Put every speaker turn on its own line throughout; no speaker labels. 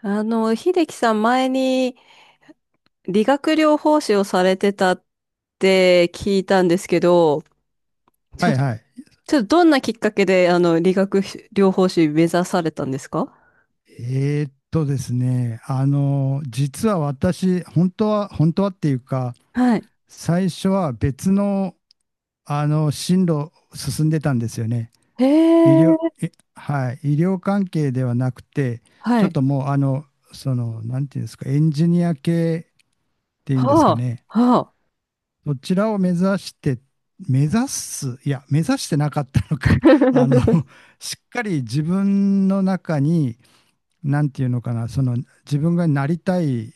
秀樹さん前に理学療法士をされてたって聞いたんですけど、
は
ち
いはい。
ょっとどんなきっかけで理学療法士目指されたんですか？
ですね、あの、実は私、本当は、本当はっていうか、
はい。
最初は別の、進路を進んでたんですよね。
へ
医療、
え、
はい、医療関係ではなくて、
は
ちょっ
い。
ともう、あの、その、なんていうんですか、エンジニア系っていうんですか
は
ね、
あ、は
そちらを目指して、目指す、いや、目指してなかったのか、あの、しっかり自分の中に、なんていうのかな、その自分がなりたい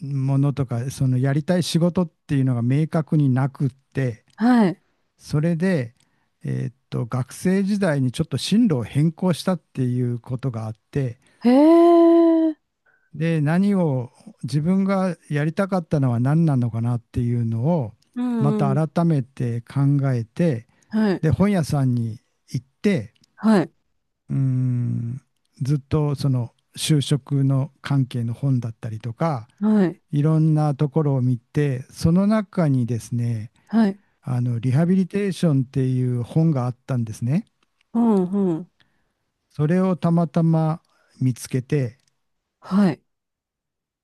ものとか、そのやりたい仕事っていうのが明確になくって、
あ、はい。
それで、学生時代にちょっと進路を変更したっていうことがあって、
へえ、
で、何を、自分がやりたかったのは何なのかなっていうのを、
う
ま
んう
た
ん。
改めて考えて、
はい、
で、本屋さんに行って、
はい、
うーん、ずっとその就職の関係の本だったりとか、
はい、
いろんなところを見て、その中にですね、
はい。
リハビリテーションっていう本があったんですね。
うん、うん。
それをたまたま見つけて、
はい。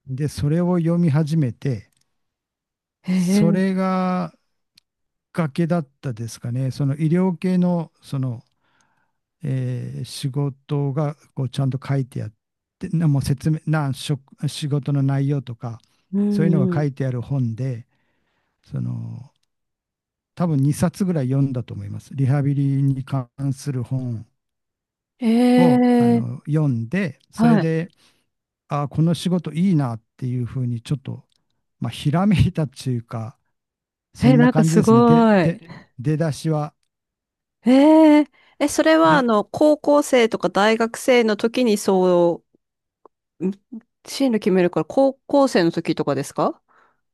で、それを読み始めて、
へえ、
それが崖だったですかね。その医療系の、その、仕事がこうちゃんと書いてあって、なもう説明、な、職仕事の内容とか、
う
そういう
ん、
のが
う
書
ん。
いてある本で、その、多分2冊ぐらい読んだと思います。リハビリに関する本
へ
を
え、
読んで、それ
は
で、
い。
ああ、この仕事いいなっていうふうにちょっと、まあ、ひらめいたっていうか、そ
え、
んな
なんか
感じ
す
で
ご
すね。で、
い。
で、出だしは。
えええ、それは
で、
高校生とか大学生の時にう、ん進路決めるから高校生の時とかですか？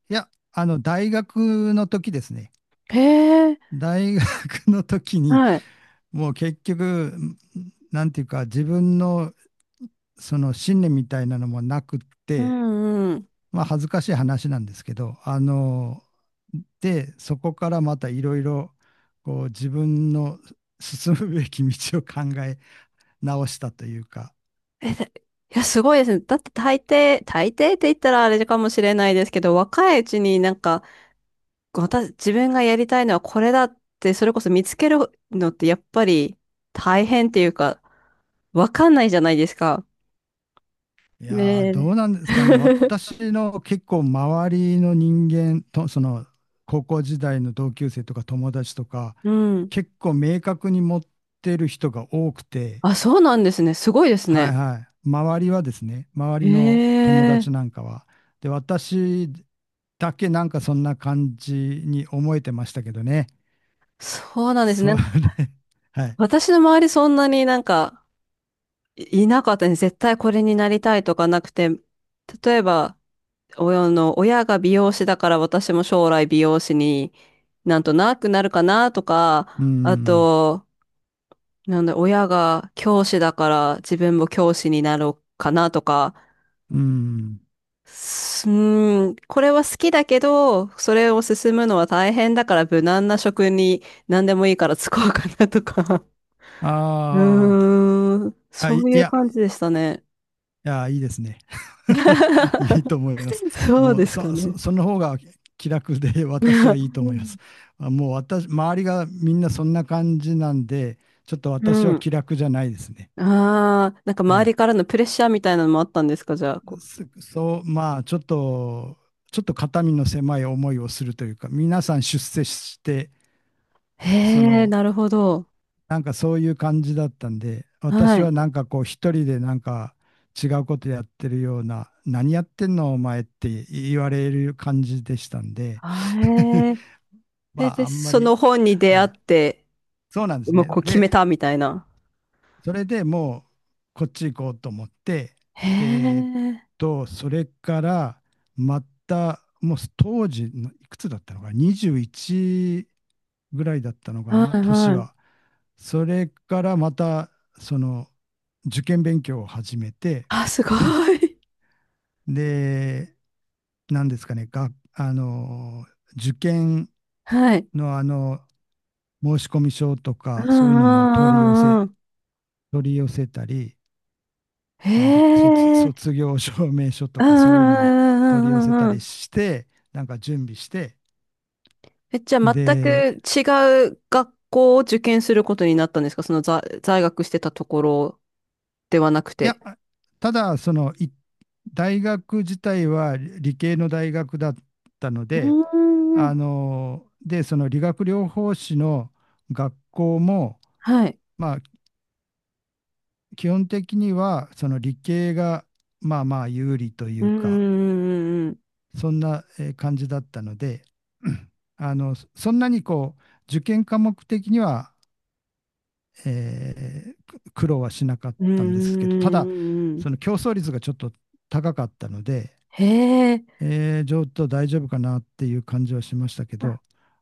いや、大学の時ですね。
へえ、
大学の時に、
はい。
もう結局、なんていうか、自分のその信念みたいなのもなくっ
う
て、
んうん。
まあ恥ずかしい話なんですけど、そこからまたいろいろ、こう自分の進むべき道を考え直したというか、
え、で、いや、すごいですね。だって大抵って言ったらあれかもしれないですけど、若いうちになんか、私、自分がやりたいのはこれだって、それこそ見つけるのってやっぱり大変っていうか、わかんないじゃないですか。
いやーど
ね
うなんですかね。
え。
私の結構周りの人間と、その高校時代の同級生とか友達とか、
うん。
結構明確に持ってる人が多くて、
あ、そうなんですね。すごいです
は
ね。
いはい。周りはですね、周りの
え
友達な
え、
んかは。で、私だけなんかそんな感じに思えてましたけどね。
そうなんですね。
それ、はい。
私の周りそんなになんかいいなかったね。絶対これになりたいとかなくて、例えば、親が美容師だから私も将来美容師になんとなくなるかなと
う
か、あ
ん、
と、なんだ、親が教師だから自分も教師になろうかなとか、
うん。
すうーん、これは好きだけど、それを進むのは大変だから無難な職に何でもいいから就こうかなとか。
あーあ、
そ
い
う
い
いう
や、
感じでしたね。
いや、いいですね。いい と思います。
そう
も
で
う、
すかね。
その方が気楽で 私はいいと思います。あもう私、周りがみんなそんな感じなんで、ちょっと
う
私は気
ん。
楽じゃないですね。
ああ、なんか
は
周
い。
りからのプレッシャーみたいなのもあったんですか、じゃあ？
そう、まあ、ちょっと肩身の狭い思いをするというか、皆さん出世して、
へ
そ
え、
の、
なるほど。
なんかそういう感じだったんで、
は
私はな
い。
んかこう、一人でなんか違うことやってるような、何やってんのお前って言われる感じでしたんで、
あれ。
ま
で、
あ、
で、
あんま
そ
り、
の本に出
は
会っ
い。
て、
そうなんです
もう
ね。
こう決
で、
めたみたいな。
それでもう、こっち行こうと思って、
へ
えーっ
え。
それから、また、もう当時の、いくつだったのかな、21ぐらいだったのか
は
な、
い
年
はい。
は。それからまた、その、受験勉強を始めて、
あ、すご い。
で、何ですかね、が、あの、受験
はい。
の申込書と
うん
か、そういうのも
うんうんうん。
取り寄せたり、
へ
なんだっけ、
え。
卒業証明書と
うんう
かそういうのを取り寄
んうん
せ
う
た
んうんう
り
ん。
して、なんか準備して、
え、じゃあ全く
で、
違う学校を受験することになったんですか、その在学してたところではなく
いや、
て？
ただ、大学自体は理系の大学だったの
う
で、
ーん。
で、その理学療法士の学校も、
はい。
まあ、基本的には、その理系が、まあまあ有利とい
う
うか、
ーん。う
そんな感じだったので、あの、そんなにこう、受験科目的にはえー苦労はしなかったんですけ
ー
ど、ただ、
ん。
その競争率がちょっと高かったので、
へえ。
ちょっと大丈夫かなっていう感じはしましたけ
あ、
ど、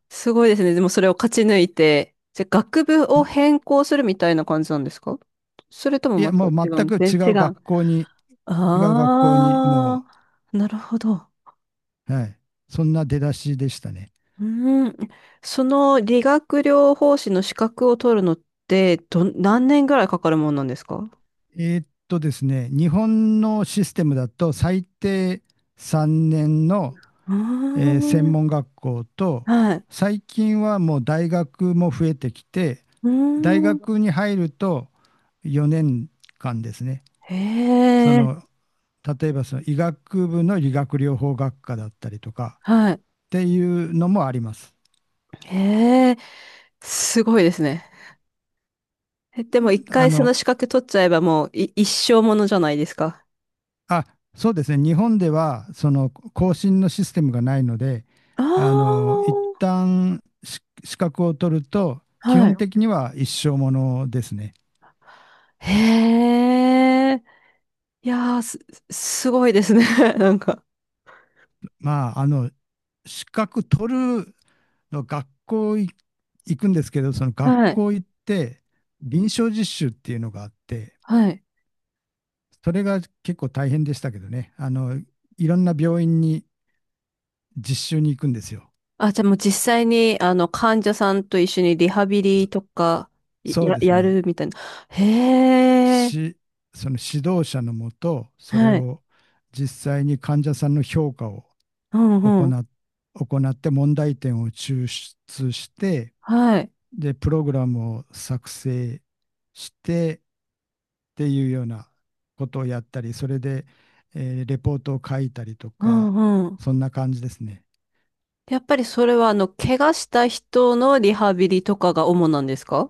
すごいですね。でもそれを勝ち抜いて、じゃあ学部を変更するみたいな感じなんですか？それとも
い
ま
や、
た
も
違
う
うん
全
で
く違う
違う。
学校に、違う学校に、
あ
も
あ、なるほど。
う、はい、そんな出だしでしたね。
うーん、その理学療法士の資格を取るのって何年ぐらいかかるもんなんですか？
ですね、日本のシステムだと、最低3年の、
うー
専
ん、
門学校と、
はい。
最近はもう大学も増えてきて、
うー
大
ん、
学に入ると4年間ですね、
へ
そ
え、
の例えばその医学部の理学療法学科だったりとかっ
はい。
ていうのもあります。
へえ、すごいですね。え、でも一
あ
回そ
の、
の資格取っちゃえばもう一生ものじゃないですか。
あ、そうですね、日本ではその更新のシステムがないので、
ああ、
あの、一旦資格を取ると、基
はい。
本的には一生ものですね。
へえ、いやー、すごいですね。なんか。
まあ、資格取るの学校い行くんですけど、その学
はい。
校行って、臨床実習っていうのがあって、
はい。
それが結構大変でしたけどね、あの、いろんな病院に実習に行くんですよ。
あ、じゃあもう実際に、患者さんと一緒にリハビ
そ
リとか、い
そう
や、
です
や
ね。
るみたいな。へえ、
し、その指導者のもと、それ
はい。
を実際に患者さんの評価を
う
行
んうん。
っ、行って問題点を抽出して、
はい。
で、プログラムを作成して、っていうようなことをやったり、それで、レポートを書いたりと
う
か、
んうん。
そんな感じですね。
やっぱりそれは、怪我した人のリハビリとかが主なんですか？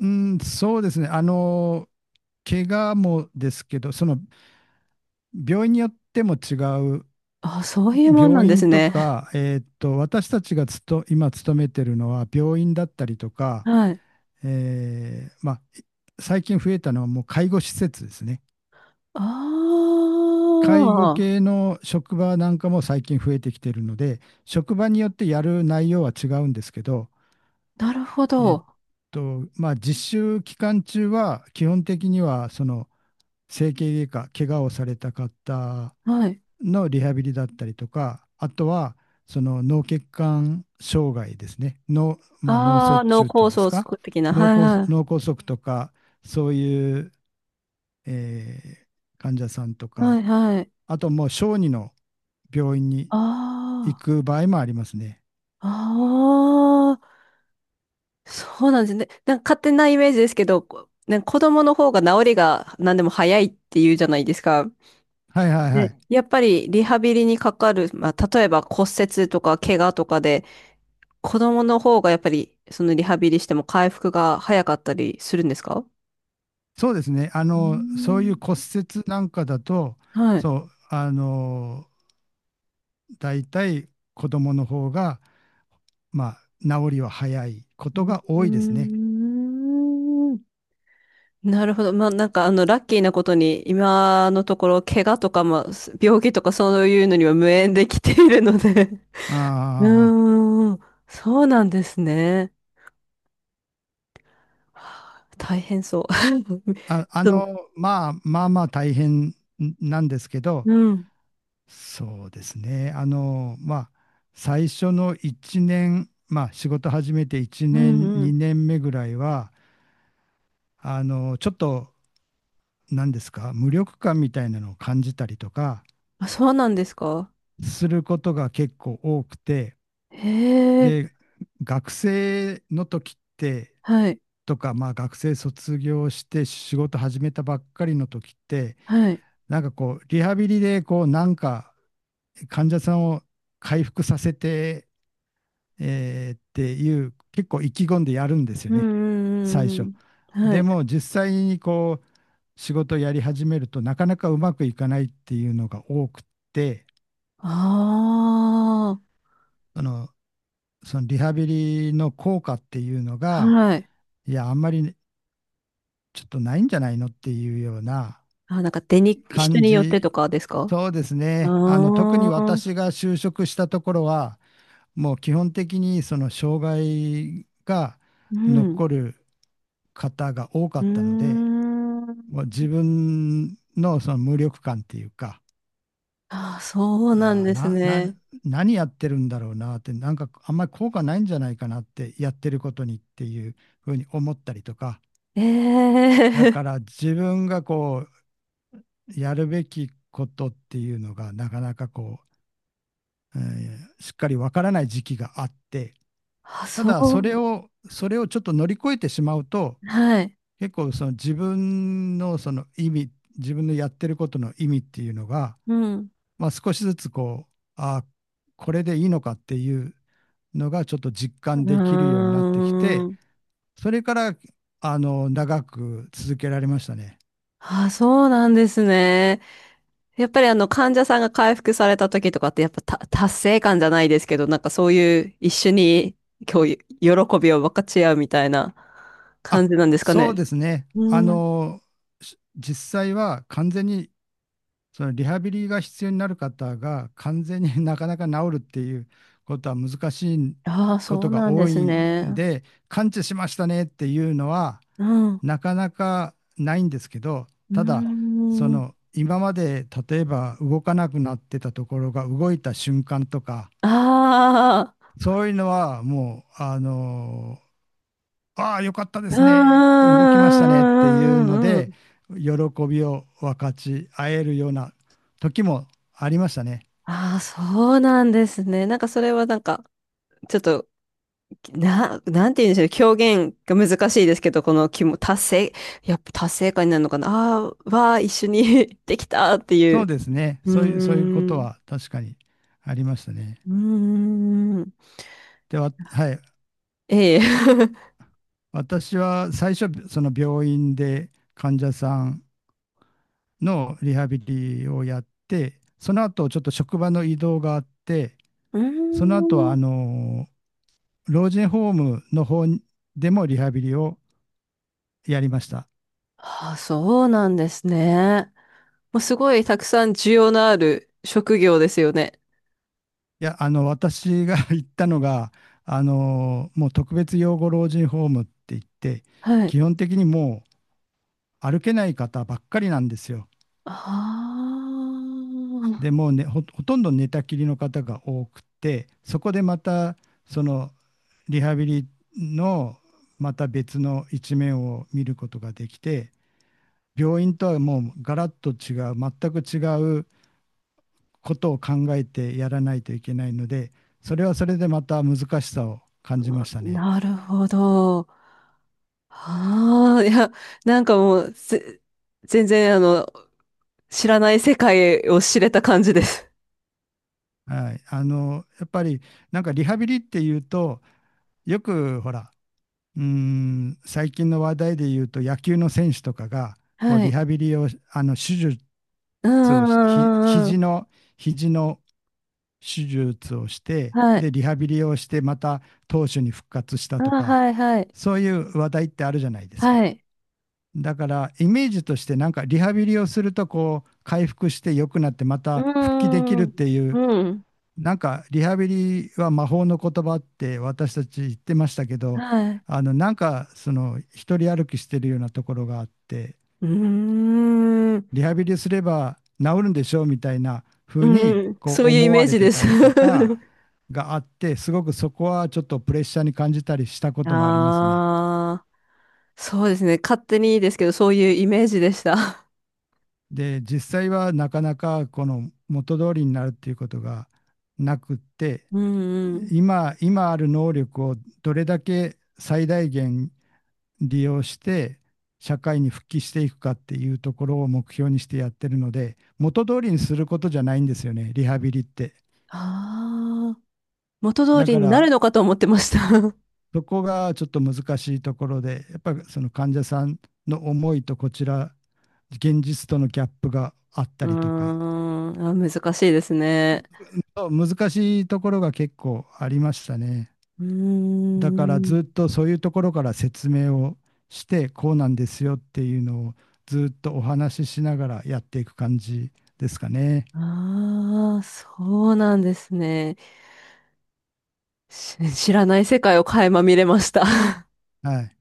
うん、そうですね。怪我もですけど、その病院によっても違う、
あ、そういうもんなん
病
です
院と
ね。
か、私たちが今勤めてるのは病院だったりと か、
はい。
まあ、最近増えたのはもう介護施設ですね。
あ
介護系
あ、
の職場なんかも最近増えてきてるので、職場によってやる内容は違うんですけど、
なるほ
えっ
ど。
まあ、実習期間中は基本的には、その整形外科、怪我をされた方
はい。
のリハビリだったりとか、あとは、その脳血管障害ですね、脳、まあ、脳
ああ、
卒
脳
中ってい
梗
うんです
塞
か、
的な。はいは
脳梗塞とか、そういう、えー患者さんと
い。はい
か、
はい。
あともう小児の病院に行
あ
く場合もありますね。
あ、あ、そうなんですね。なんか勝手なイメージですけど、なんか子供の方が治りが何でも早いっていうじゃないですか。
はいはいは
で、
い。
やっぱりリハビリにかかる、まあ、例えば骨折とか怪我とかで、子供の方がやっぱりそのリハビリしても回復が早かったりするんですか？
そうですね。
うー
そういう
ん、
骨折なんかだと、
はい。
そう、あの、大体子供の方が、まあ、治りは早いこ
う
とが
ー
多いですね。
ん、なるほど。まあ、なんかラッキーなことに、今のところ、怪我とか、まあ、病気とかそういうのには無縁できているので。
あ
う
ー
ーん、そうなんですね。はあ、大変そう。
あ
そう、
の、まあ大変なんですけど、
うん、
そうですね。まあ、最初の1年、まあ、仕事始めて1
う
年、
ん、うん。
2年目ぐらいは、ちょっと何ですか、無力感みたいなのを感じたりとか
あ、そうなんですか。
することが結構多くて、
へえ、
で、学生の時って、
はい、
とか、まあ学生卒業して仕事始めたばっかりの時って、
はい。
なんかこう、リハビリでこう、なんか患者さんを回復させてっていう、結構意気込んでやるんですよ
うん、
ね、最
うん、う
初。
んうん。は
で
い。
も実際にこう、仕事をやり始めるとなかなかうまくいかないっていうのが多くって、
あ
その、そのリハビリの効果っていうの
あ、
が、
はい。
いや、あんまりちょっとないんじゃないのっていうような
あ、なんか人
感
によって
じ。
とかですか？
そうです
あ
ね。あの、特に
あー、
私が就職したところは、もう基本的にその障害が
うん、
残る方が多か
う
ったので、
ー
もう
ん。
自分のその無力感っていうか、
あ、そうなん
あ
です
な、な、
ね。
何やってるんだろうなって、なんかあんまり効果ないんじゃないかなって、やってることにっていうふうに思ったりとか、
え
だか
え、
ら自分がこう、やるべきことっていうのが、なかなかこう、しっかりわからない時期があって、
あ、
た
そう、
だそれをちょっと乗り越えてしまうと、
はい。
結構その自分のその意味、自分のやってることの意味っていうのが、
うん。
まあ、少しずつこう、あ、これでいいのかっていうのがちょっと実
う
感できるようになってき
ー
て、
ん。
それから、あの、長く続けられましたね。
あ、そうなんですね。やっぱり患者さんが回復された時とかってやっぱた達成感じゃないですけど、なんかそういう一緒に今日喜びを分かち合うみたいな
あ、
感じなんですか
そう
ね？
ですね。あ
うん。
の、実際は完全に、そのリハビリが必要になる方が完全に なかなか治るっていうことは難しい
ああ、
こ
そう
とが
なんで
多
す
いん
ね。
で、完治しましたねっていうのは、
うん。う
なかなかないんですけど、
ー
ただ、そ
ん。
の今まで例えば動かなくなってたところが動いた瞬間とか、
ああ、
そういうのはもう、あのああ、よかったですね、
う
動きましたねっていうの
ー
で、
ん。
喜びを分かち合えるような時もありましたね。
ああ、そうなんですね。なんかそれはなんか、ちょっとなんて言うんでしょう。表現が難しいですけど、この気も、達成、やっぱ達成感になるのかな。ああー、わあ、一緒に できたってい
そう
う。
ですね。
う
そういうこ
ー
と
ん。
は確かにありましたね。
うーん。
では、はい。
ええ。
私は最初、その病院で患者さんのリハビリをやって、その後ちょっと職場の移動があって、
う
その後は
ー
あ
ん。
の老人ホームの方でもリハビリをやりました。
ああ、そうなんですね。もうすごいたくさん需要のある職業ですよね。
いや、あの私が 行ったのが、あのもう特別養護老人ホームって言って、
はい。
基本的にもう歩けない方ばっかりなんですよ。
ああ、
でもうね、ほとんど寝たきりの方が多くて、そこでまたそのリハビリのまた別の一面を見ることができて、病院とはもうガラッと違う、全く違うことを考えてやらないといけないので、それはそれでまた難しさを感じましたね。
なるほど。ああ、いや、なんかもう、全然、知らない世界を知れた感じです。
はい、あのやっぱりなんかリハビリっていうとよくほら、最近の話題で言うと野球の選手とかがこう
は
リ
い。
ハビリをあの手術
う
を
んうんうんうんうん。
肘の手術をして、
はい。
で、リハビリをしてまた投手に復活した
あ
と
ー、
か、
はいはい。
そういう話題ってあるじゃないですか。
はい。
だからイメージとしてなんかリハビリをするとこう回復して良くなってま
う
た復帰でき
ー
るっ
ん。
ていう、
うん。
なんかリハビリは魔法の言葉って私たち言ってましたけど、
はい。
あのなんかその一人歩きしてるようなところがあって、
うーん。
リハビリすれば治るんでしょうみたいな風に
うん。
こ
そ
う
ういうイ
思
メ
わ
ー
れ
ジ
て
で
た
す。
りとか があって、すごくそこはちょっとプレッシャーに感じたりしたこともありますね。
ああ、そうですね。勝手にいいですけど、そういうイメージでした。
で実際はなかなかこの元通りになるっていうことがなくって、
うんうん。
今ある能力をどれだけ最大限利用して社会に復帰していくかっていうところを目標にしてやってるので、元通りにすることじゃないんですよね、リハビリって。
ああ、元通
だ
り
か
になる
ら
のかと思ってました。
そこがちょっと難しいところで、やっぱりその患者さんの思いとこちら、現実とのギャップがあっ
う
た
ー
りとか、
ん、あ、難しいですね。
難しいところが結構ありましたね。
うー
だからず
ん。
っとそういうところから説明をして、こうなんですよっていうのをずっとお話ししながらやっていく感じですかね。
ああ、そうなんですね。知らない世界を垣間見れました。
はい。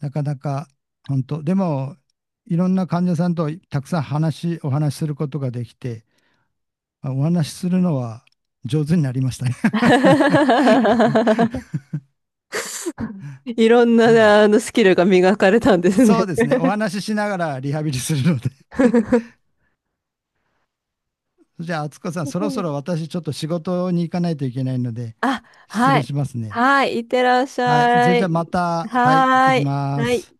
なかなか本当、でもいろんな患者さんとたくさん話、お話しすることができて、あお話しするのは上手になりましたね。
いろんな、スキルが磨かれたんで す
そ
ね。
うですね。お話ししながらリハビリするので。じゃあ、敦子さん、そろそろ私ちょっと仕事に行かないといけないので、
あ、
失
は
礼しま
い。
すね。
はい。いってらっし
はい。そ
ゃ
れじゃあ
い。
また、はい、行っ
は
て
ー
き
い。
ま
はい。
す。